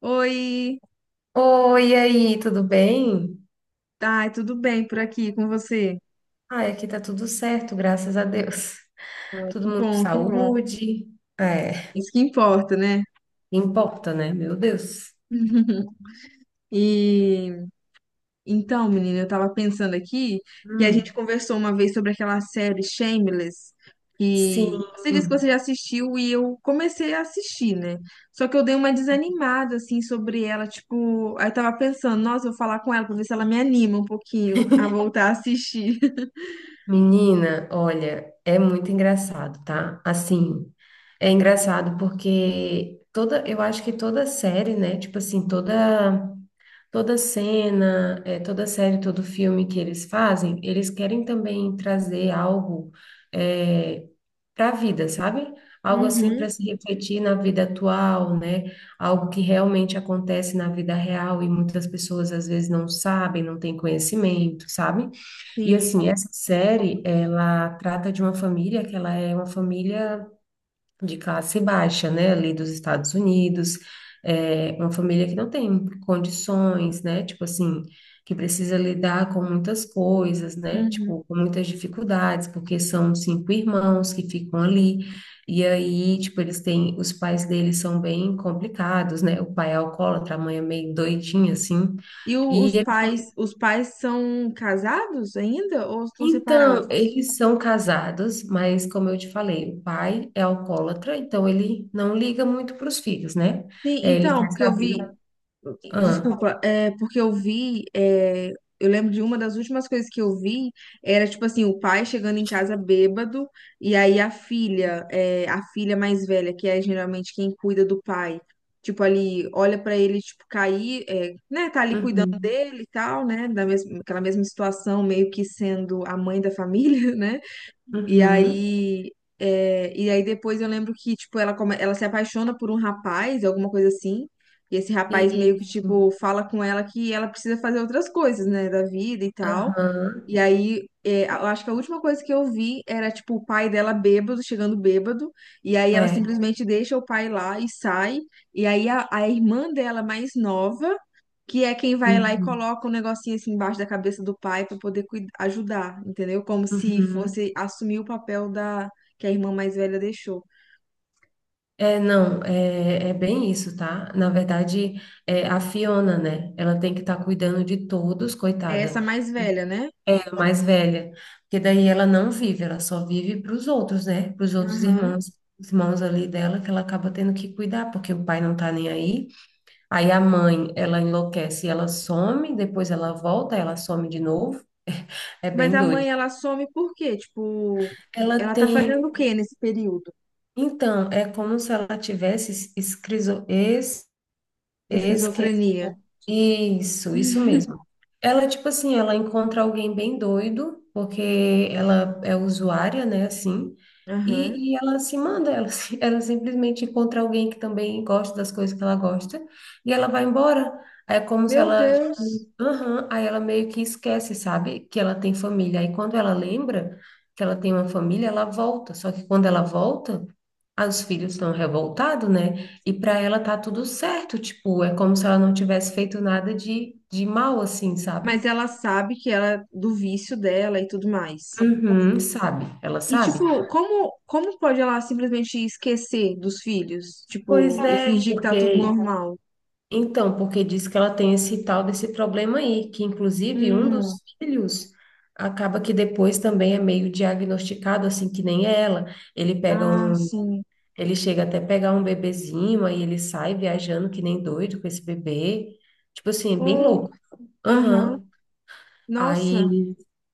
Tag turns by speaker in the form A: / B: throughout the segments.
A: Oi,
B: Oi, e aí, tudo bem?
A: tá, tudo bem por aqui com você?
B: Ai, aqui tá tudo certo, graças a Deus.
A: Ai, que
B: Todo mundo com
A: bom, que bom.
B: saúde. É,
A: Isso que importa, né?
B: importa, né? Meu Deus.
A: E então, menina, eu tava pensando aqui que a gente
B: Hum,
A: conversou uma vez sobre aquela série Shameless,
B: sim,
A: que você disse que você já assistiu e eu comecei a assistir, né? Só que eu dei uma desanimada assim sobre ela, tipo, aí eu tava pensando, nossa, eu vou falar com ela pra ver se ela me anima um pouquinho a voltar a assistir.
B: menina, olha, é muito engraçado, tá? Assim, é engraçado porque toda, eu acho que toda série, né? Tipo assim, toda cena, toda série, todo filme que eles fazem, eles querem também trazer algo para a vida, sabe? Algo assim
A: Uhum,
B: para se refletir na vida atual, né? Algo que realmente acontece na vida real e muitas pessoas às vezes não sabem, não têm conhecimento, sabe? E assim, essa série, ela trata de uma família que ela é uma família de classe baixa, né, ali dos Estados Unidos, é, uma família que não tem condições, né, tipo assim, que precisa lidar com muitas coisas, né,
A: sim.
B: tipo, com muitas dificuldades, porque são cinco irmãos que ficam ali, e aí, tipo, eles têm, os pais deles são bem complicados, né, o pai é alcoólatra, a mãe é meio doidinha, assim, e
A: Os
B: eles
A: pais, os pais são casados ainda ou estão
B: então,
A: separados?
B: eles são casados, mas como eu te falei, o pai é alcoólatra, então ele não liga muito para os filhos, né?
A: Sim,
B: É, ele
A: então,
B: quer
A: porque eu vi,
B: saber. Ah,
A: desculpa, é porque eu vi, é, eu lembro de uma das últimas coisas que eu vi era tipo assim, o pai chegando em casa bêbado e aí a filha, é, a filha mais velha, que é geralmente quem cuida do pai, tipo ali, olha pra ele tipo cair, é, né, tá ali cuidando
B: uhum,
A: dele e tal, né, da mesma, aquela mesma situação, meio que sendo a mãe da família, né? E
B: uhum,
A: aí, é, e aí depois eu lembro que, tipo, ela, ela se apaixona por um rapaz, alguma coisa assim. E esse rapaz meio que,
B: isso,
A: tipo, fala com ela que ela precisa fazer outras coisas, né, da vida e tal.
B: aham,
A: E aí, é, eu acho que a última coisa que eu vi era, tipo, o pai dela bêbado, chegando bêbado. E aí ela
B: é,
A: simplesmente deixa o pai lá e sai. E aí a irmã dela mais nova que é quem vai lá e
B: uhum,
A: coloca um negocinho assim embaixo da cabeça do pai para poder ajudar, entendeu? Como se
B: uhum.
A: fosse assumir o papel da que a irmã mais velha deixou.
B: É, não, é, é bem isso, tá? Na verdade, é, a Fiona, né? Ela tem que estar cuidando de todos,
A: É
B: coitada.
A: essa mais velha, né?
B: Mais velha, porque daí ela não vive, ela só vive para os outros, né? Para os outros
A: Aham.
B: irmãos, os irmãos ali dela, que ela acaba tendo que cuidar, porque o pai não tá nem aí. Aí a mãe, ela enlouquece, e ela some, depois ela volta, ela some de novo. É
A: Mas
B: bem
A: a
B: doido.
A: mãe, ela some por quê? Tipo,
B: Ela
A: ela tá
B: tem,
A: fazendo o quê nesse período?
B: então, é como se ela tivesse esquerda.
A: Esquizofrenia.
B: Isso mesmo. Ela, tipo assim, ela encontra alguém bem doido, porque ela é usuária, né, assim,
A: Aham.
B: e ela se manda, ela, ela simplesmente encontra alguém que também gosta das coisas que ela gosta, e ela vai embora. Aí é como se
A: Meu
B: ela,
A: Deus.
B: tipo, aham, aí ela meio que esquece, sabe, que ela tem família. Aí quando ela lembra que ela tem uma família, ela volta. Só que quando ela volta, aí os filhos estão revoltados, né? E para ela tá tudo certo, tipo, é como se ela não tivesse feito nada de mal, assim, sabe?
A: Mas ela sabe que ela do vício dela e tudo mais.
B: Uhum, sabe, ela
A: E
B: sabe.
A: tipo, como pode ela simplesmente esquecer dos filhos, tipo,
B: Pois
A: e
B: é,
A: fingir que tá tudo
B: porque.
A: normal?
B: Então, porque diz que ela tem esse tal desse problema aí, que inclusive um
A: Hum,
B: dos filhos acaba que depois também é meio diagnosticado, assim, que nem ela. Ele pega
A: ah,
B: um.
A: sim.
B: Ele chega até pegar um bebezinho, aí ele sai viajando que nem doido com esse bebê. Tipo assim, é bem
A: Ou,
B: louco.
A: aham,
B: Aham.
A: nossa.
B: Aí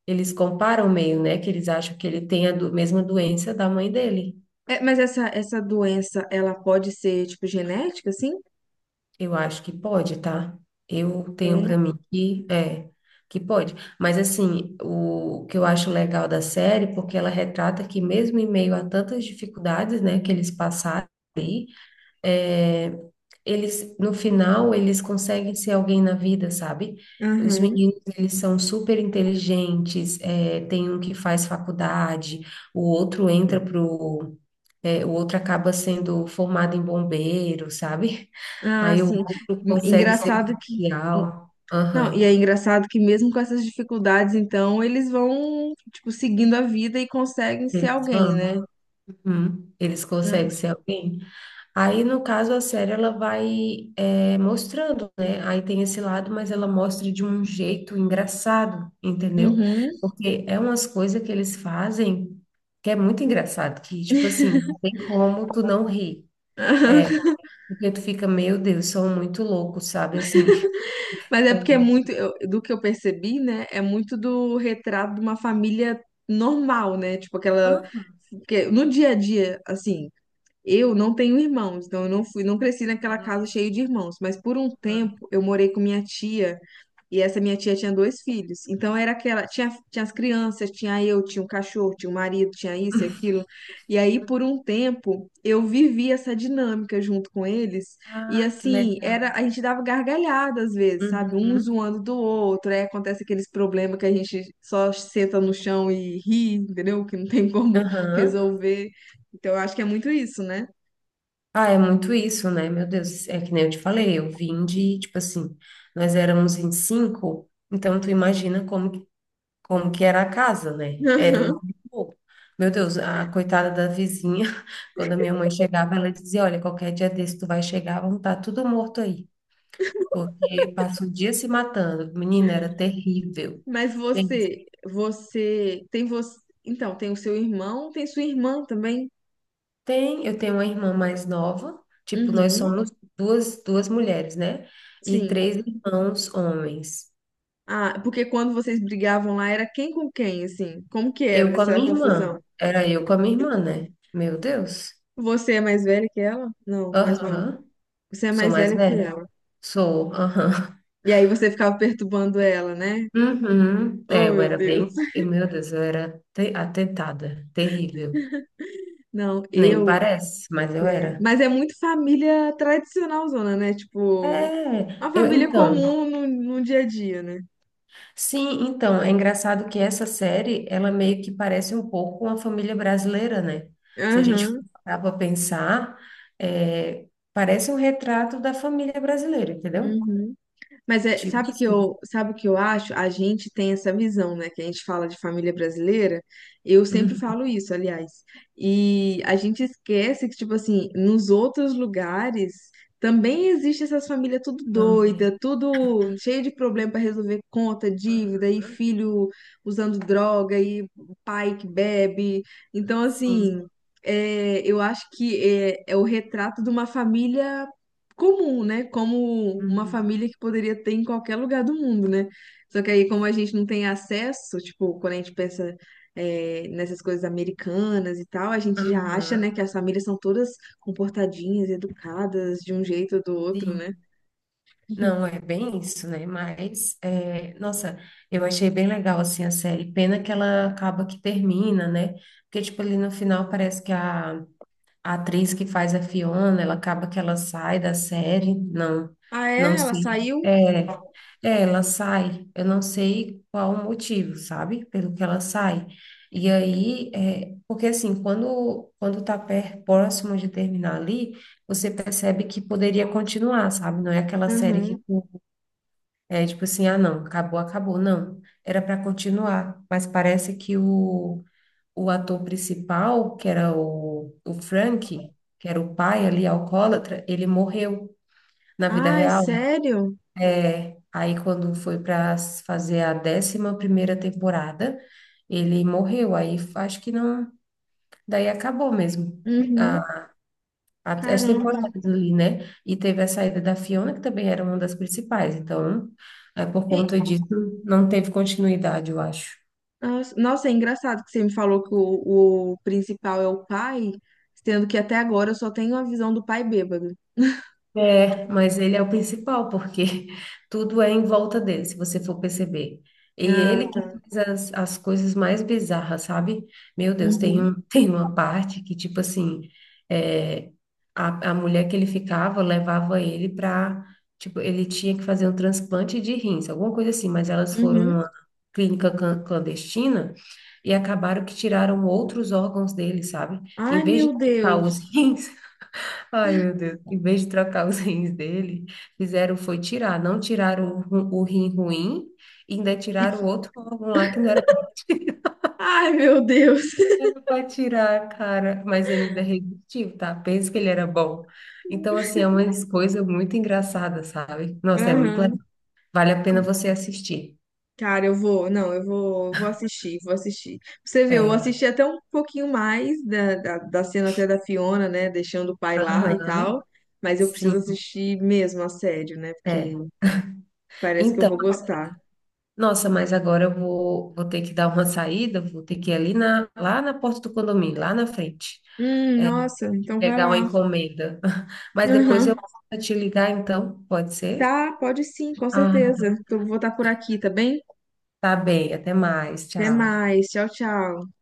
B: eles comparam meio, né? Que eles acham que ele tem a mesma doença da mãe dele.
A: É, mas essa doença, ela pode ser, tipo, genética, assim?
B: Eu acho que pode, tá? Eu tenho
A: É,
B: pra mim que é que pode. Mas assim, o que eu acho legal da série, porque ela retrata que mesmo em meio a tantas dificuldades, né, que eles passaram aí, é, eles no final eles conseguem ser alguém na vida, sabe? Os
A: aham.
B: meninos, eles são super inteligentes, é, tem um que faz faculdade, o outro entra pro é, o outro acaba sendo formado em bombeiro, sabe?
A: Ah,
B: Aí o
A: sim.
B: outro consegue ser
A: Engraçado que...
B: policial.
A: Não, e
B: Aham.
A: é engraçado que mesmo com essas dificuldades, então, eles vão, tipo, seguindo a vida e conseguem ser
B: Eles
A: alguém, né?
B: vão. Uhum. Eles conseguem
A: Não.
B: ser alguém. Aí, no caso, a série ela vai é, mostrando, né? Aí tem esse lado, mas ela mostra de um jeito engraçado, entendeu?
A: Uhum.
B: Porque é umas coisas que eles fazem que é muito engraçado, que, tipo assim, não tem como tu não rir. Porque tu fica, meu Deus, são muito loucos, sabe? Assim,
A: Mas é
B: é
A: porque é muito,
B: muito.
A: do que eu percebi, né? É muito do retrato de uma família normal, né? Tipo, aquela... Porque no dia a dia, assim... Eu não tenho irmãos, então eu não fui, não cresci naquela casa cheia de irmãos, mas por um
B: Aham.
A: tempo eu morei com minha tia e essa minha tia tinha dois filhos. Então era aquela, tinha as crianças, tinha eu, tinha um cachorro, tinha um marido, tinha isso e aquilo. E aí por um tempo eu vivi essa dinâmica junto com eles e
B: Ah, que
A: assim, era
B: legal.
A: a gente dava gargalhada às vezes, sabe? Um
B: Uhum.
A: zoando do outro, aí acontece aqueles problemas que a gente só senta no chão e ri, entendeu? Que não tem como
B: Aham.
A: resolver. Então eu acho que é muito isso, né?
B: Ah, é muito isso, né? Meu Deus, é que nem eu te falei, eu vim de, tipo assim, nós éramos 25, então tu imagina como, como que era a casa, né? Era muito
A: Aham.
B: pouco. Meu Deus, a coitada da vizinha, quando a minha mãe chegava, ela dizia, olha, qualquer dia desse tu vai chegar, vão estar tudo morto aí, porque passa o dia se matando. Menina, era terrível.
A: Mas você tem você, então tem o seu irmão, tem sua irmã também?
B: Tem, eu tenho uma irmã mais nova, tipo, nós
A: Uhum,
B: somos duas, duas mulheres, né? E
A: sim.
B: três irmãos homens.
A: Ah, porque quando vocês brigavam lá era quem com quem, assim? Como que
B: Eu
A: era
B: com a
A: essa
B: minha
A: confusão?
B: irmã, era eu com a minha irmã, né? Meu Deus.
A: Você é mais velha que ela? Não, mais nova.
B: Aham.
A: Você é
B: Sou
A: mais
B: mais
A: velha que
B: velha?
A: ela.
B: Sou, aham.
A: E aí você ficava perturbando ela, né?
B: Uhum. É,
A: Oh,
B: eu
A: meu
B: era
A: Deus.
B: bem, e, meu Deus, eu era atentada, terrível.
A: Não,
B: Nem
A: eu.
B: parece, mas eu
A: Né?
B: era.
A: Mas é muito família tradicional, zona, né? Tipo,
B: É,
A: uma
B: eu,
A: família
B: então,
A: comum no, no dia a dia, né?
B: sim, então, é engraçado que essa série, ela meio que parece um pouco uma família brasileira, né? Se a gente
A: Aham,
B: parar para pensar, é, parece um retrato da família brasileira, entendeu?
A: uhum. Mas é,
B: Tipo assim.
A: sabe o que eu acho? A gente tem essa visão, né? Que a gente fala de família brasileira. Eu sempre
B: Uhum,
A: falo isso, aliás. E a gente esquece que, tipo assim, nos outros lugares também existe essas famílias tudo
B: também.
A: doida, tudo cheio de problema para resolver conta, dívida e
B: Aham,
A: filho usando droga e pai que bebe. Então,
B: sim.
A: assim, é, eu acho que é, é o retrato de uma família comum, né? Como uma
B: Uhum.
A: família que poderia ter em qualquer lugar do mundo, né? Só que aí, como a gente não tem acesso, tipo, quando a gente pensa, é, nessas coisas americanas e tal, a gente já acha, né,
B: Aham,
A: que as famílias são todas comportadinhas, educadas, de um jeito ou do outro, né?
B: sim.
A: Uhum.
B: Não, é bem isso, né? Mas, é, nossa, eu achei bem legal, assim, a série. Pena que ela acaba que termina, né? Porque, tipo, ali no final parece que a atriz que faz a Fiona, ela acaba que ela sai da série, não,
A: Ah,
B: não
A: é? Ela
B: sei.
A: saiu?
B: É, é, ela sai, eu não sei qual o motivo, sabe? Pelo que ela sai. E aí, é, porque assim, quando tá próximo de terminar ali, você percebe que poderia continuar, sabe? Não é aquela série que
A: Aham.
B: é tipo assim, ah, não, acabou, acabou, não. Era para continuar, mas parece que o ator principal, que era o Frank, que era o pai ali, alcoólatra, ele morreu na vida
A: Ai,
B: real.
A: sério?
B: É. Aí, quando foi para fazer a 11ª temporada, ele morreu. Aí, acho que não. Daí acabou mesmo.
A: Uhum.
B: a- As
A: Caramba.
B: temporadas ali, né? E teve a saída da Fiona, que também era uma das principais. Então, é, por
A: E-
B: conta disso, não teve continuidade, eu acho.
A: Nossa, nossa, é engraçado que você me falou que o principal é o pai, sendo que até agora eu só tenho a visão do pai bêbado.
B: É, mas ele é o principal, porque tudo é em volta dele, se você for perceber. E
A: Ah,
B: ele que
A: tá.
B: faz as coisas mais bizarras, sabe? Meu Deus, tem
A: Uhum.
B: um, tem uma parte que, tipo assim, é, a mulher que ele ficava levava ele pra. Tipo, ele tinha que fazer um transplante de rins, alguma coisa assim, mas elas foram
A: Uhum.
B: numa clínica clandestina e acabaram que tiraram outros órgãos dele, sabe? Em
A: Ai,
B: vez de
A: meu
B: colocar
A: Deus.
B: os rins. Ai, meu Deus. Em vez de trocar os rins dele, fizeram foi tirar. Não tiraram o rim ruim, ainda tiraram o outro órgão lá que não era
A: Ai, meu Deus.
B: para tirar, cara. Mas ele ainda resistiu, tá? Pensa que ele era bom. Então, assim, é uma coisa muito engraçada, sabe? Nossa, é muito legal.
A: Aham.
B: Vale a pena você assistir.
A: Cara, eu vou, não, eu vou, vou assistir, vou assistir. Pra você vê, eu
B: É.
A: assisti até um pouquinho mais da, da, da cena até da Fiona, né, deixando o pai lá e tal,
B: Aham,
A: mas eu preciso
B: sim,
A: assistir mesmo a sério, né, porque
B: é.
A: parece que eu
B: Então,
A: vou gostar.
B: nossa, mas agora eu vou ter que dar uma saída, vou ter que ir ali na, lá na porta do condomínio, lá na frente.
A: Nossa, então vai
B: Legal a
A: lá.
B: encomenda. Mas depois eu
A: Aham.
B: vou te ligar, então, pode ser?
A: Tá, pode sim, com
B: Ah,
A: certeza.
B: então.
A: Tô, vou estar por aqui, tá bem?
B: Tá bem, até mais.
A: Até
B: Tchau.
A: mais, tchau, tchau.